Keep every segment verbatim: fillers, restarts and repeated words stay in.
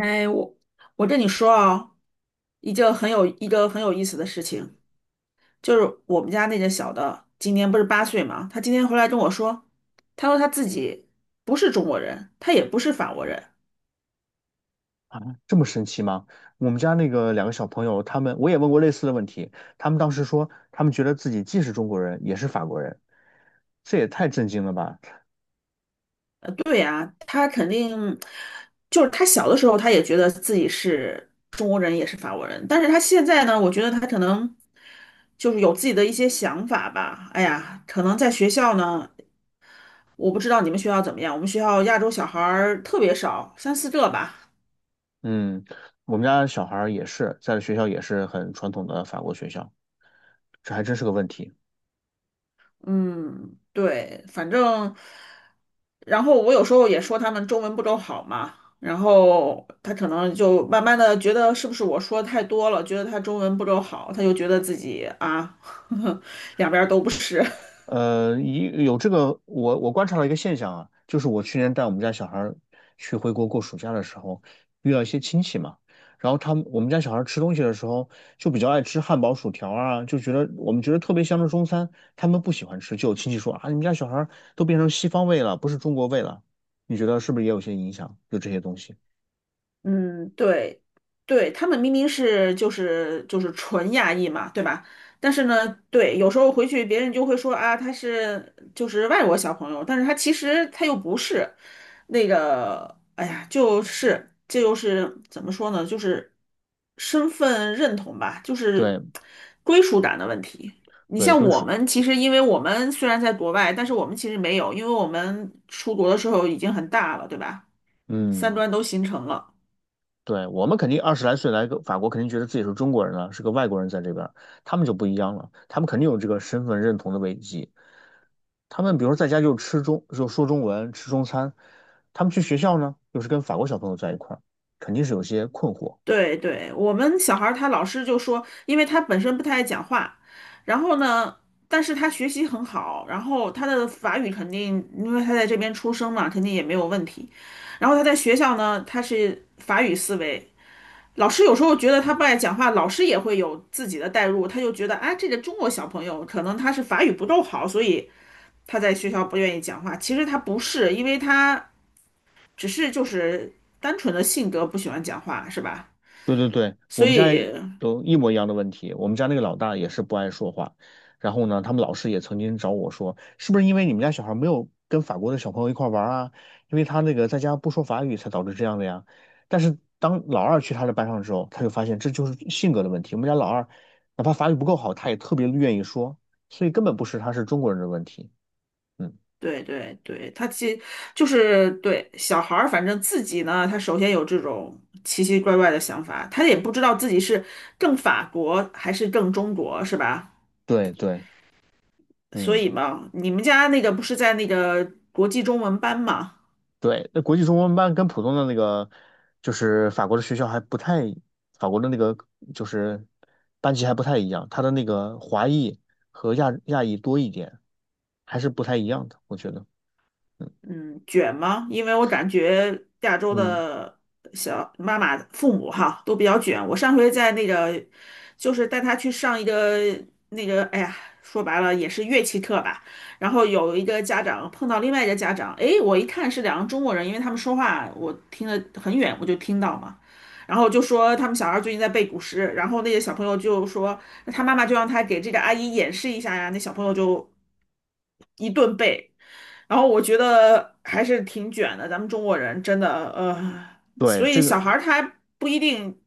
哎，我我跟你说啊，一件很有一个很有意思的事情，就是我们家那个小的，今年不是八岁嘛，他今天回来跟我说，他说他自己不是中国人，他也不是法国人。啊，这么神奇吗？我们家那个两个小朋友，他们我也问过类似的问题，他们当时说，他们觉得自己既是中国人，也是法国人，这也太震惊了吧？对呀，他肯定就是他小的时候他也觉得自己是中国人也是法国人，但是他现在呢，我觉得他可能就是有自己的一些想法吧。哎呀，可能在学校呢。我不知道你们学校怎么样，我们学校亚洲小孩儿特别少，三四个吧。嗯，我们家小孩儿也是，在学校也是很传统的法国学校，这还真是个问题。嗯，对，反正，然后我有时候也说他们中文不够好嘛，然后他可能就慢慢的觉得是不是我说太多了，觉得他中文不够好，他就觉得自己啊，两边儿都不是。呃，一有这个，我我观察到一个现象啊，就是我去年带我们家小孩儿去回国过暑假的时候，遇到一些亲戚嘛，然后他们我们家小孩儿吃东西的时候就比较爱吃汉堡、薯条啊，就觉得我们觉得特别香的中餐，他们不喜欢吃，就有亲戚说啊，你们家小孩儿都变成西方味了，不是中国味了，你觉得是不是也有些影响？就这些东西，嗯，对。对，他们明明是就是就是纯亚裔嘛，对吧？但是呢，对，有时候回去别人就会说啊，他是就是外国小朋友，但是他其实他又不是那个，哎呀，就是这就是怎么说呢，就是身份认同吧，就对是归属感的问题。你对，像归我属，们，其实因为我们虽然在国外，但是我们其实没有，因为我们出国的时候已经很大了，对吧？三嗯。观都形成了。对，我们肯定二十来岁来个法国，肯定觉得自己是中国人了，是个外国人在这边儿他们就不一样了，他们肯定有这个身份认同的危机。他们比如说在家就吃中，就说中文，吃中餐，他们去学校呢，又是跟法国小朋友在一块儿，肯定是有些困惑。对对，我们小孩儿他老师就说，因为他本身不太爱讲话，然后呢，但是他学习很好，然后他的法语肯定，因为他在这边出生嘛，肯定也没有问题。然后他在学校呢，他是法语思维，老师有时候觉得他不爱讲话，老师也会有自己的代入，他就觉得啊，这个中国小朋友可能他是法语不够好，所以他在学校不愿意讲话。其实他不是，因为他只是就是单纯的性格不喜欢讲话，是吧？对对对，我所们家以。也有一模一样的问题。我们家那个老大也是不爱说话，然后呢，他们老师也曾经找我说，是不是因为你们家小孩没有跟法国的小朋友一块儿玩儿啊？因为他那个在家不说法语才导致这样的呀。但是当老二去他的班上之后，他就发现这就是性格的问题。我们家老二哪怕法语不够好，他也特别愿意说，所以根本不是他是中国人的问题。嗯，对对对，他其实就是对小孩儿，反正自己呢，他首先有这种奇奇怪怪的想法，他也不知道自己是更法国还是更中国，是吧？对对，所嗯。以嘛，你们家那个不是在那个国际中文班嘛？对，那国际中文班跟普通的那个，就是法国的学校还不太，法国的那个就是班级还不太一样，它的那个华裔和亚亚裔多一点，还是不太一样的，我觉得。嗯，卷吗？因为我感觉亚洲嗯，的小妈妈、父母哈都比较卷。我上回在那个，就是带他去上一个那个，哎呀，说白了也是乐器课吧。然后有一个家长碰到另外一个家长，哎，我一看是两个中国人，因为他们说话我听得很远，我就听到嘛。然后就说他们小孩最近在背古诗，然后那个小朋友就说，那他妈妈就让他给这个阿姨演示一下呀。那小朋友就一顿背，然后我觉得还是挺卷的，咱们中国人真的，呃，对，所以这个。小孩儿他不一定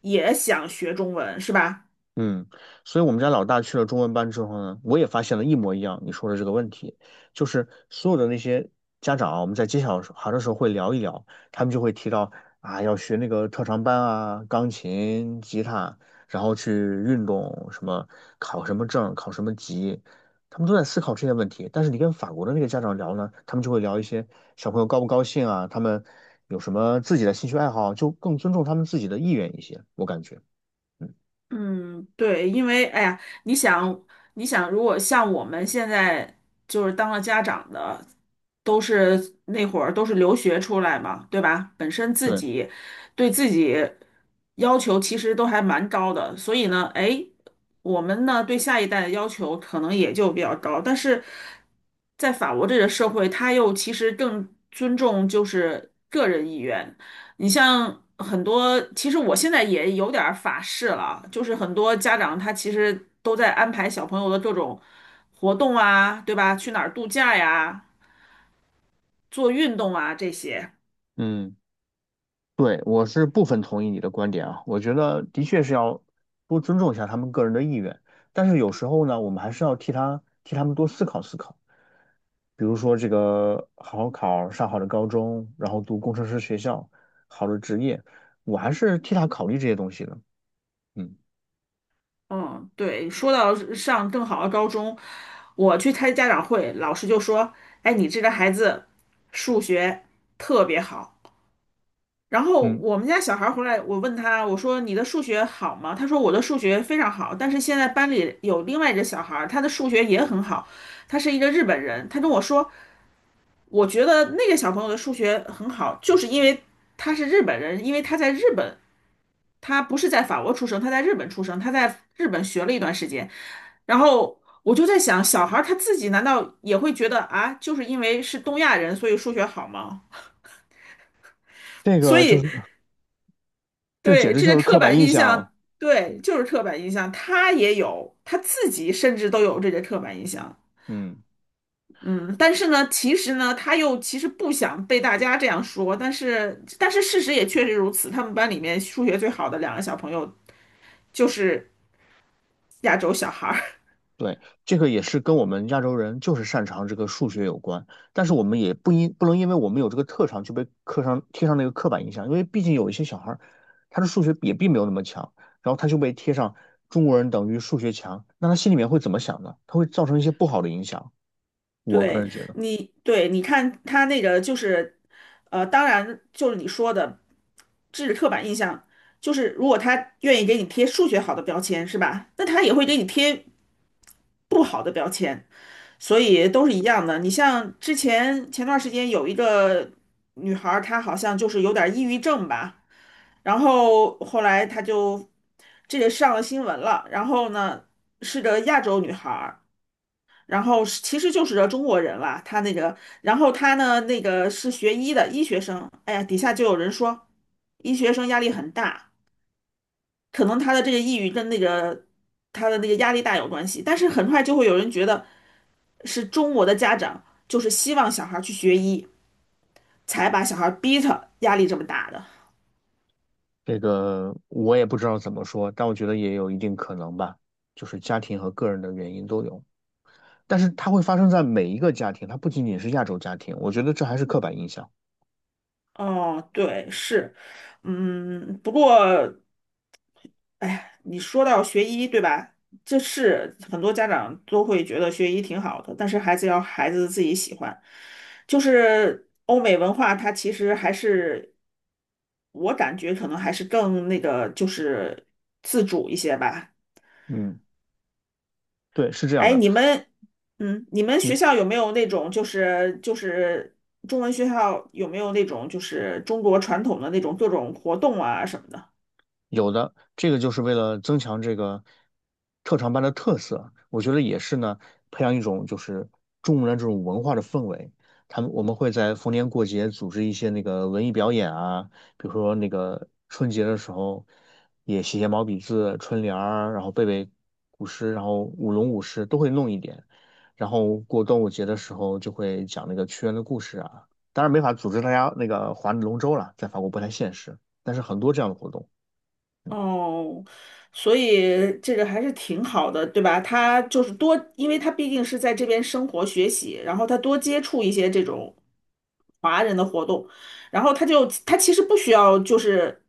也想学中文，是吧？嗯，所以我们家老大去了中文班之后呢，我也发现了一模一样你说的这个问题，就是所有的那些家长啊，我们在接小孩的时候会聊一聊，他们就会提到啊，要学那个特长班啊，钢琴、吉他，然后去运动，什么考什么证、考什么级，他们都在思考这些问题。但是你跟法国的那个家长聊呢，他们就会聊一些小朋友高不高兴啊，他们有什么自己的兴趣爱好，就更尊重他们自己的意愿一些，我感觉。嗯，嗯，对，因为哎呀，你想，你想，如果像我们现在就是当了家长的，都是那会儿都是留学出来嘛，对吧？本身自对，己对自己要求其实都还蛮高的，所以呢，哎，我们呢对下一代的要求可能也就比较高，但是在法国这个社会，他又其实更尊重就是个人意愿。你像很多，其实我现在也有点儿法式了，就是很多家长他其实都在安排小朋友的各种活动啊，对吧？去哪儿度假呀，做运动啊这些。嗯。对，我是部分同意你的观点啊，我觉得的确是要多尊重一下他们个人的意愿，但是有时候呢，我们还是要替他替他们多思考思考，比如说这个好好考上好的高中，然后读工程师学校，好的职业，我还是替他考虑这些东西的。嗯嗯，对，说到上更好的高中，我去开家长会，老师就说：“哎，你这个孩子数学特别好。”然后嗯，我们家小孩儿回来，我问他，我说你的数学好吗？他说我的数学非常好，但是现在班里有另外一个小孩儿，他的数学也很好，他是一个日本人。他跟我说，我觉得那个小朋友的数学很好，就是因为他是日本人，因为他在日本，他不是在法国出生，他在日本出生，他在日本学了一段时间。然后我就在想，小孩儿他自己难道也会觉得啊，就是因为是东亚人，所以数学好吗？这所个就是以。这简对，直这就个是刻刻板板印印象啊。象。对，嗯就是刻板印象，他也有，他自己甚至都有这个刻板印象。嗯。嗯，但是呢，其实呢，他又其实不想被大家这样说，但是但是事实也确实如此，他们班里面数学最好的两个小朋友就是亚洲小孩儿。对，这个也是跟我们亚洲人就是擅长这个数学有关，但是我们也不因不能因为我们有这个特长就被刻上贴上那个刻板印象，因为毕竟有一些小孩儿，他的数学也并没有那么强，然后他就被贴上中国人等于数学强，那他心里面会怎么想呢？他会造成一些不好的影响。我个对人觉得你，对你看他那个就是，呃，当然就是你说的，这是刻板印象，就是如果他愿意给你贴数学好的标签，是吧？那他也会给你贴不好的标签，所以都是一样的。你像之前前段时间有一个女孩儿，她好像就是有点儿抑郁症吧，然后后来她就这个上了新闻了，然后呢是个亚洲女孩，然后是其实就是中国人啦。他那个，然后他呢那个是学医的医学生。哎呀，底下就有人说医学生压力很大，可能他的这个抑郁跟那个他的那个压力大有关系，但是很快就会有人觉得是中国的家长就是希望小孩儿去学医，才把小孩儿逼他压力这么大的。这个我也不知道怎么说，但我觉得也有一定可能吧，就是家庭和个人的原因都有，但是它会发生在每一个家庭，它不仅仅是亚洲家庭，我觉得这还是刻板印象。哦，对，是，嗯，不过。哎呀，你说到学医，对吧？这是很多家长都会觉得学医挺好的，但是孩子要孩子自己喜欢。就是欧美文化，它其实还是我感觉可能还是更那个，就是自主一些吧。嗯。对，是这样哎，的。你们，嗯，你们学你校有没有那种就是就是中文学校有没有那种就是中国传统的那种各种活动啊什么的？有的，这个就是为了增强这个特长班的特色，我觉得也是呢，培养一种就是中国人这种文化的氛围。他们我们会在逢年过节组织一些那个文艺表演啊，比如说那个春节的时候，也写写毛笔字、春联儿，然后背背古诗，然后舞龙舞狮都会弄一点。然后过端午节的时候就会讲那个屈原的故事啊，当然没法组织大家那个划龙舟了，在法国不太现实，但是很多这样的活动。哦，所以这个还是挺好的，对吧？他就是多，因为他毕竟是在这边生活学习，然后他多接触一些这种华人的活动，然后他就他其实不需要就是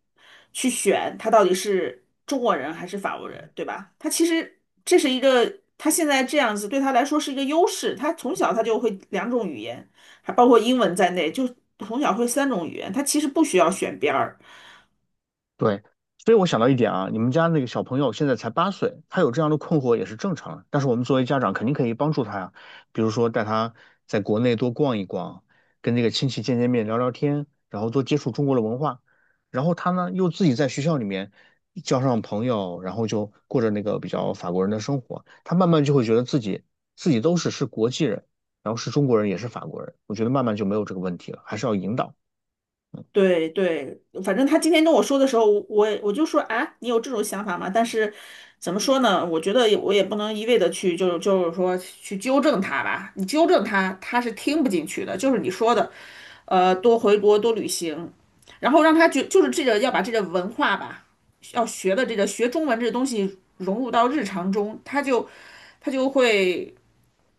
去选他到底是中国人还是法国人，对吧？他其实这是一个他现在这样子对他来说是一个优势，他从小他就会两种语言，还包括英文在内，就从小会三种语言，他其实不需要选边儿。对，所以我想到一点啊，你们家那个小朋友现在才八岁，他有这样的困惑也是正常的。但是我们作为家长，肯定可以帮助他呀，比如说带他在国内多逛一逛，跟那个亲戚见见面、聊聊天，然后多接触中国的文化。然后他呢，又自己在学校里面交上朋友，然后就过着那个比较法国人的生活，他慢慢就会觉得自己自己都是是国际人，然后是中国人也是法国人。我觉得慢慢就没有这个问题了，还是要引导。对对，反正他今天跟我说的时候，我我也我就说啊，你有这种想法吗？但是怎么说呢？我觉得也我也不能一味的去，就是就是说去纠正他吧。你纠正他，他是听不进去的。就是你说的，呃，多回国多旅行，然后让他就就是这个要把这个文化吧，要学的这个学中文这个东西融入到日常中，他就他就会。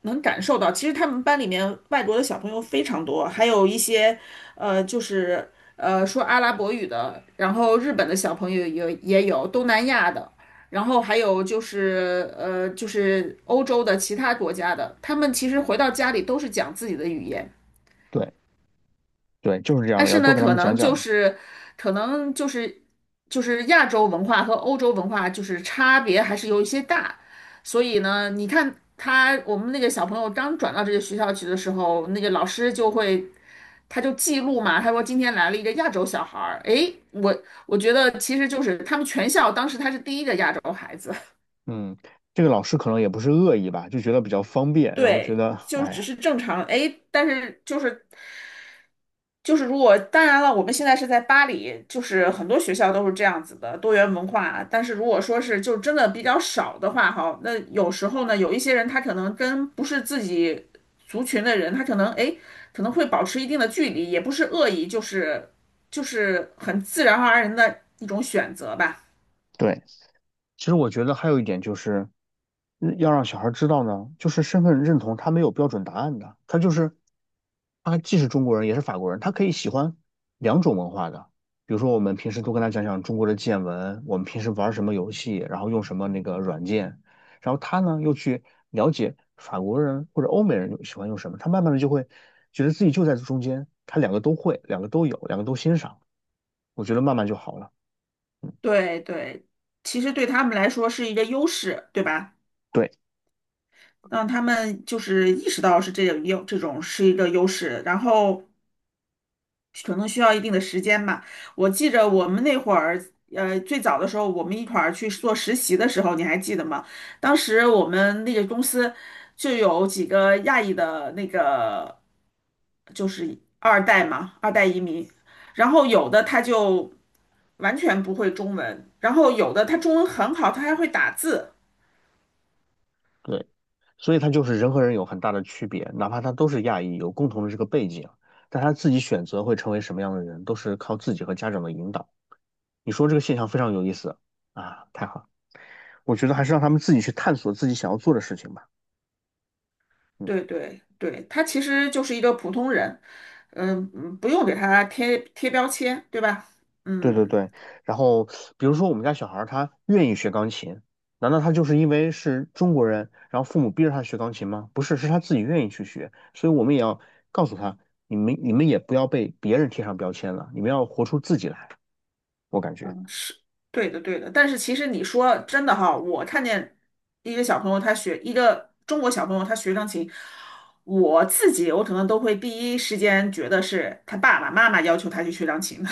能感受到，其实他们班里面外国的小朋友非常多，还有一些，呃，就是呃说阿拉伯语的，然后日本的小朋友也也有，东南亚的，然后还有就是呃就是欧洲的其他国家的，他们其实回到家里都是讲自己的语言。对对，就是这样但的，要是多呢，给他可们讲能就讲。是可能就是就是亚洲文化和欧洲文化就是差别还是有一些大，所以呢，你看他我们那个小朋友刚转到这个学校去的时候，那个老师就会。他就记录嘛，他说今天来了一个亚洲小孩儿，诶，我我觉得其实就是他们全校当时他是第一个亚洲孩子，嗯，这个老师可能也不是恶意吧，就觉得比较方 便，然后觉对，得，就只哎，是正常，诶，但是就是就是如果当然了，我们现在是在巴黎，就是很多学校都是这样子的多元文化。但是如果说是就真的比较少的话，哈，那有时候呢，有一些人他可能跟不是自己族群的人，他可能诶可能会保持一定的距离，也不是恶意，就是就是很自然而然的一种选择吧。对。其实我觉得还有一点就是，嗯要让小孩知道呢，就是身份认同他没有标准答案的，他就是他既是中国人也是法国人，他可以喜欢两种文化的。比如说，我们平时多跟他讲讲中国的见闻，我们平时玩什么游戏，然后用什么那个软件，然后他呢又去了解法国人或者欧美人又喜欢用什么，他慢慢的就会觉得自己就在中间，他两个都会，两个都有，两个都欣赏，我觉得慢慢就好了。对对，其实对他们来说是一个优势，对吧？对。让他们就是意识到是这个有这种是一个优势，然后。可能需要一定的时间吧。我记着我们那会儿，呃，最早的时候，我们一块儿去做实习的时候，你还记得吗？当时我们那个公司就有几个亚裔的那个，就是二代嘛，二代移民，然后有的他就完全不会中文，然后有的他中文很好，他还会打字。对，所以他就是人和人有很大的区别，哪怕他都是亚裔，有共同的这个背景，但他自己选择会成为什么样的人，都是靠自己和家长的引导。你说这个现象非常有意思啊，太好了，我觉得还是让他们自己去探索自己想要做的事情吧。嗯，对对对，他其实就是一个普通人，嗯嗯，不用给他贴贴标签，对吧？对对嗯。对。然后比如说我们家小孩儿他愿意学钢琴，难道他就是因为是中国人，然后父母逼着他学钢琴吗？不是，是他自己愿意去学。所以我们也要告诉他，你们你们也不要被别人贴上标签了，你们要活出自己来。我感觉嗯，是对的，对的。但是其实你说真的哈，我看见一个小朋友他学一个中国小朋友他学钢琴，我自己我可能都会第一时间觉得是他爸爸妈妈要求他去学钢琴，的。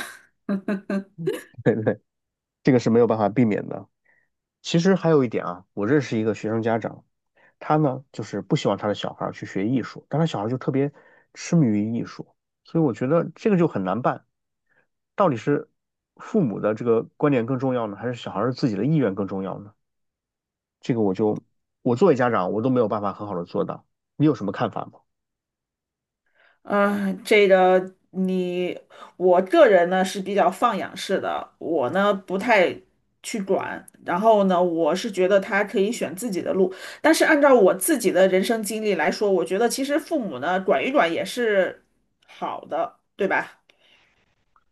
这个是没有办法避免的。其实还有一点啊，我认识一个学生家长，他呢就是不希望他的小孩儿去学艺术，但他小孩儿就特别痴迷于艺术，所以我觉得这个就很难办。到底是父母的这个观点更重要呢，还是小孩儿自己的意愿更重要呢？这个我就我作为家长，我都没有办法很好的做到。你有什么看法吗？嗯，这个你，我个人呢是比较放养式的，我呢不太去管。然后呢，我是觉得他可以选自己的路，但是按照我自己的人生经历来说，我觉得其实父母呢管一管也是好的，对吧？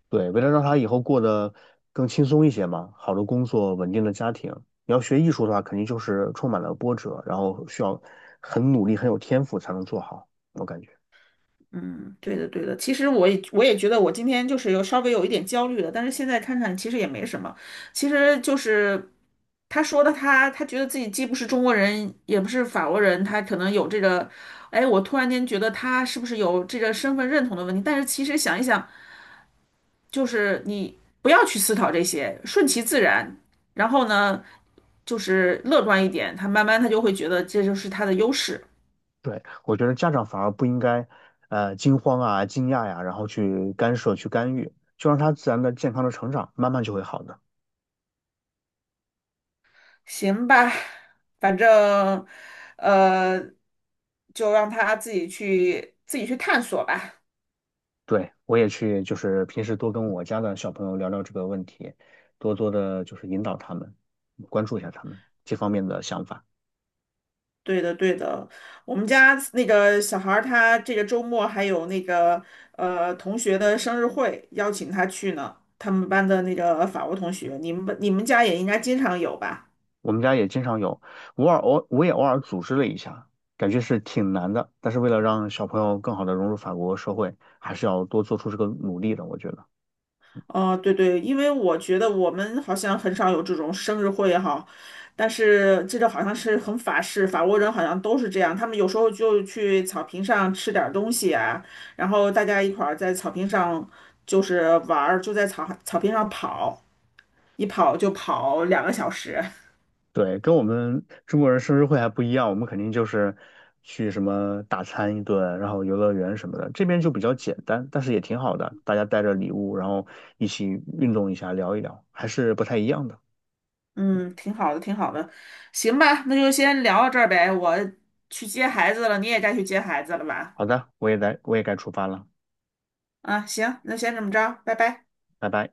对，为了让他以后过得更轻松一些嘛，好的工作，稳定的家庭。你要学艺术的话，肯定就是充满了波折，然后需要很努力、很有天赋才能做好。我感觉，嗯，对的，对的。其实我也我也觉得我今天就是有稍微有一点焦虑了，但是现在看看其实也没什么。其实就是他说的他，他觉得自己既不是中国人，也不是法国人，他可能有这个，哎，我突然间觉得他是不是有这个身份认同的问题？但是其实想一想，就是你不要去思考这些，顺其自然，然后呢，就是乐观一点，他慢慢他就会觉得这就是他的优势。对，我觉得家长反而不应该，呃，惊慌啊、惊讶呀、然后去干涉、去干预，就让他自然的、健康的成长，慢慢就会好的。行吧，反正，呃，就让他自己去自己去探索吧。对，我也去，就是平时多跟我家的小朋友聊聊这个问题，多多的就是引导他们，关注一下他们这方面的想法。对的，对的。我们家那个小孩儿，他这个周末还有那个呃同学的生日会，邀请他去呢。他们班的那个法国同学，你们你们家也应该经常有吧？我们家也经常有，偶尔偶我也偶尔组织了一下，感觉是挺难的，但是为了让小朋友更好的融入法国社会，还是要多做出这个努力的，我觉得。哦，对对，因为我觉得我们好像很少有这种生日会哈，但是这个好像是很法式，法国人好像都是这样，他们有时候就去草坪上吃点儿东西啊，然后大家一块儿在草坪上就是玩儿，就在草草坪上跑，一跑就跑两个小时，对，跟我们中国人生日会还不一样，我们肯定就是去什么大餐一顿，然后游乐园什么的，这边就比较简单，但是也挺好的，大家带着礼物，然后一起运动一下，聊一聊，还是不太一样的。嗯，挺好的，挺好的，行吧，那就先聊到这儿呗，我去接孩子了，你也该去接孩子了吧？好的，我也来，我也该出发了，啊，行，那先这么着，拜拜。拜拜。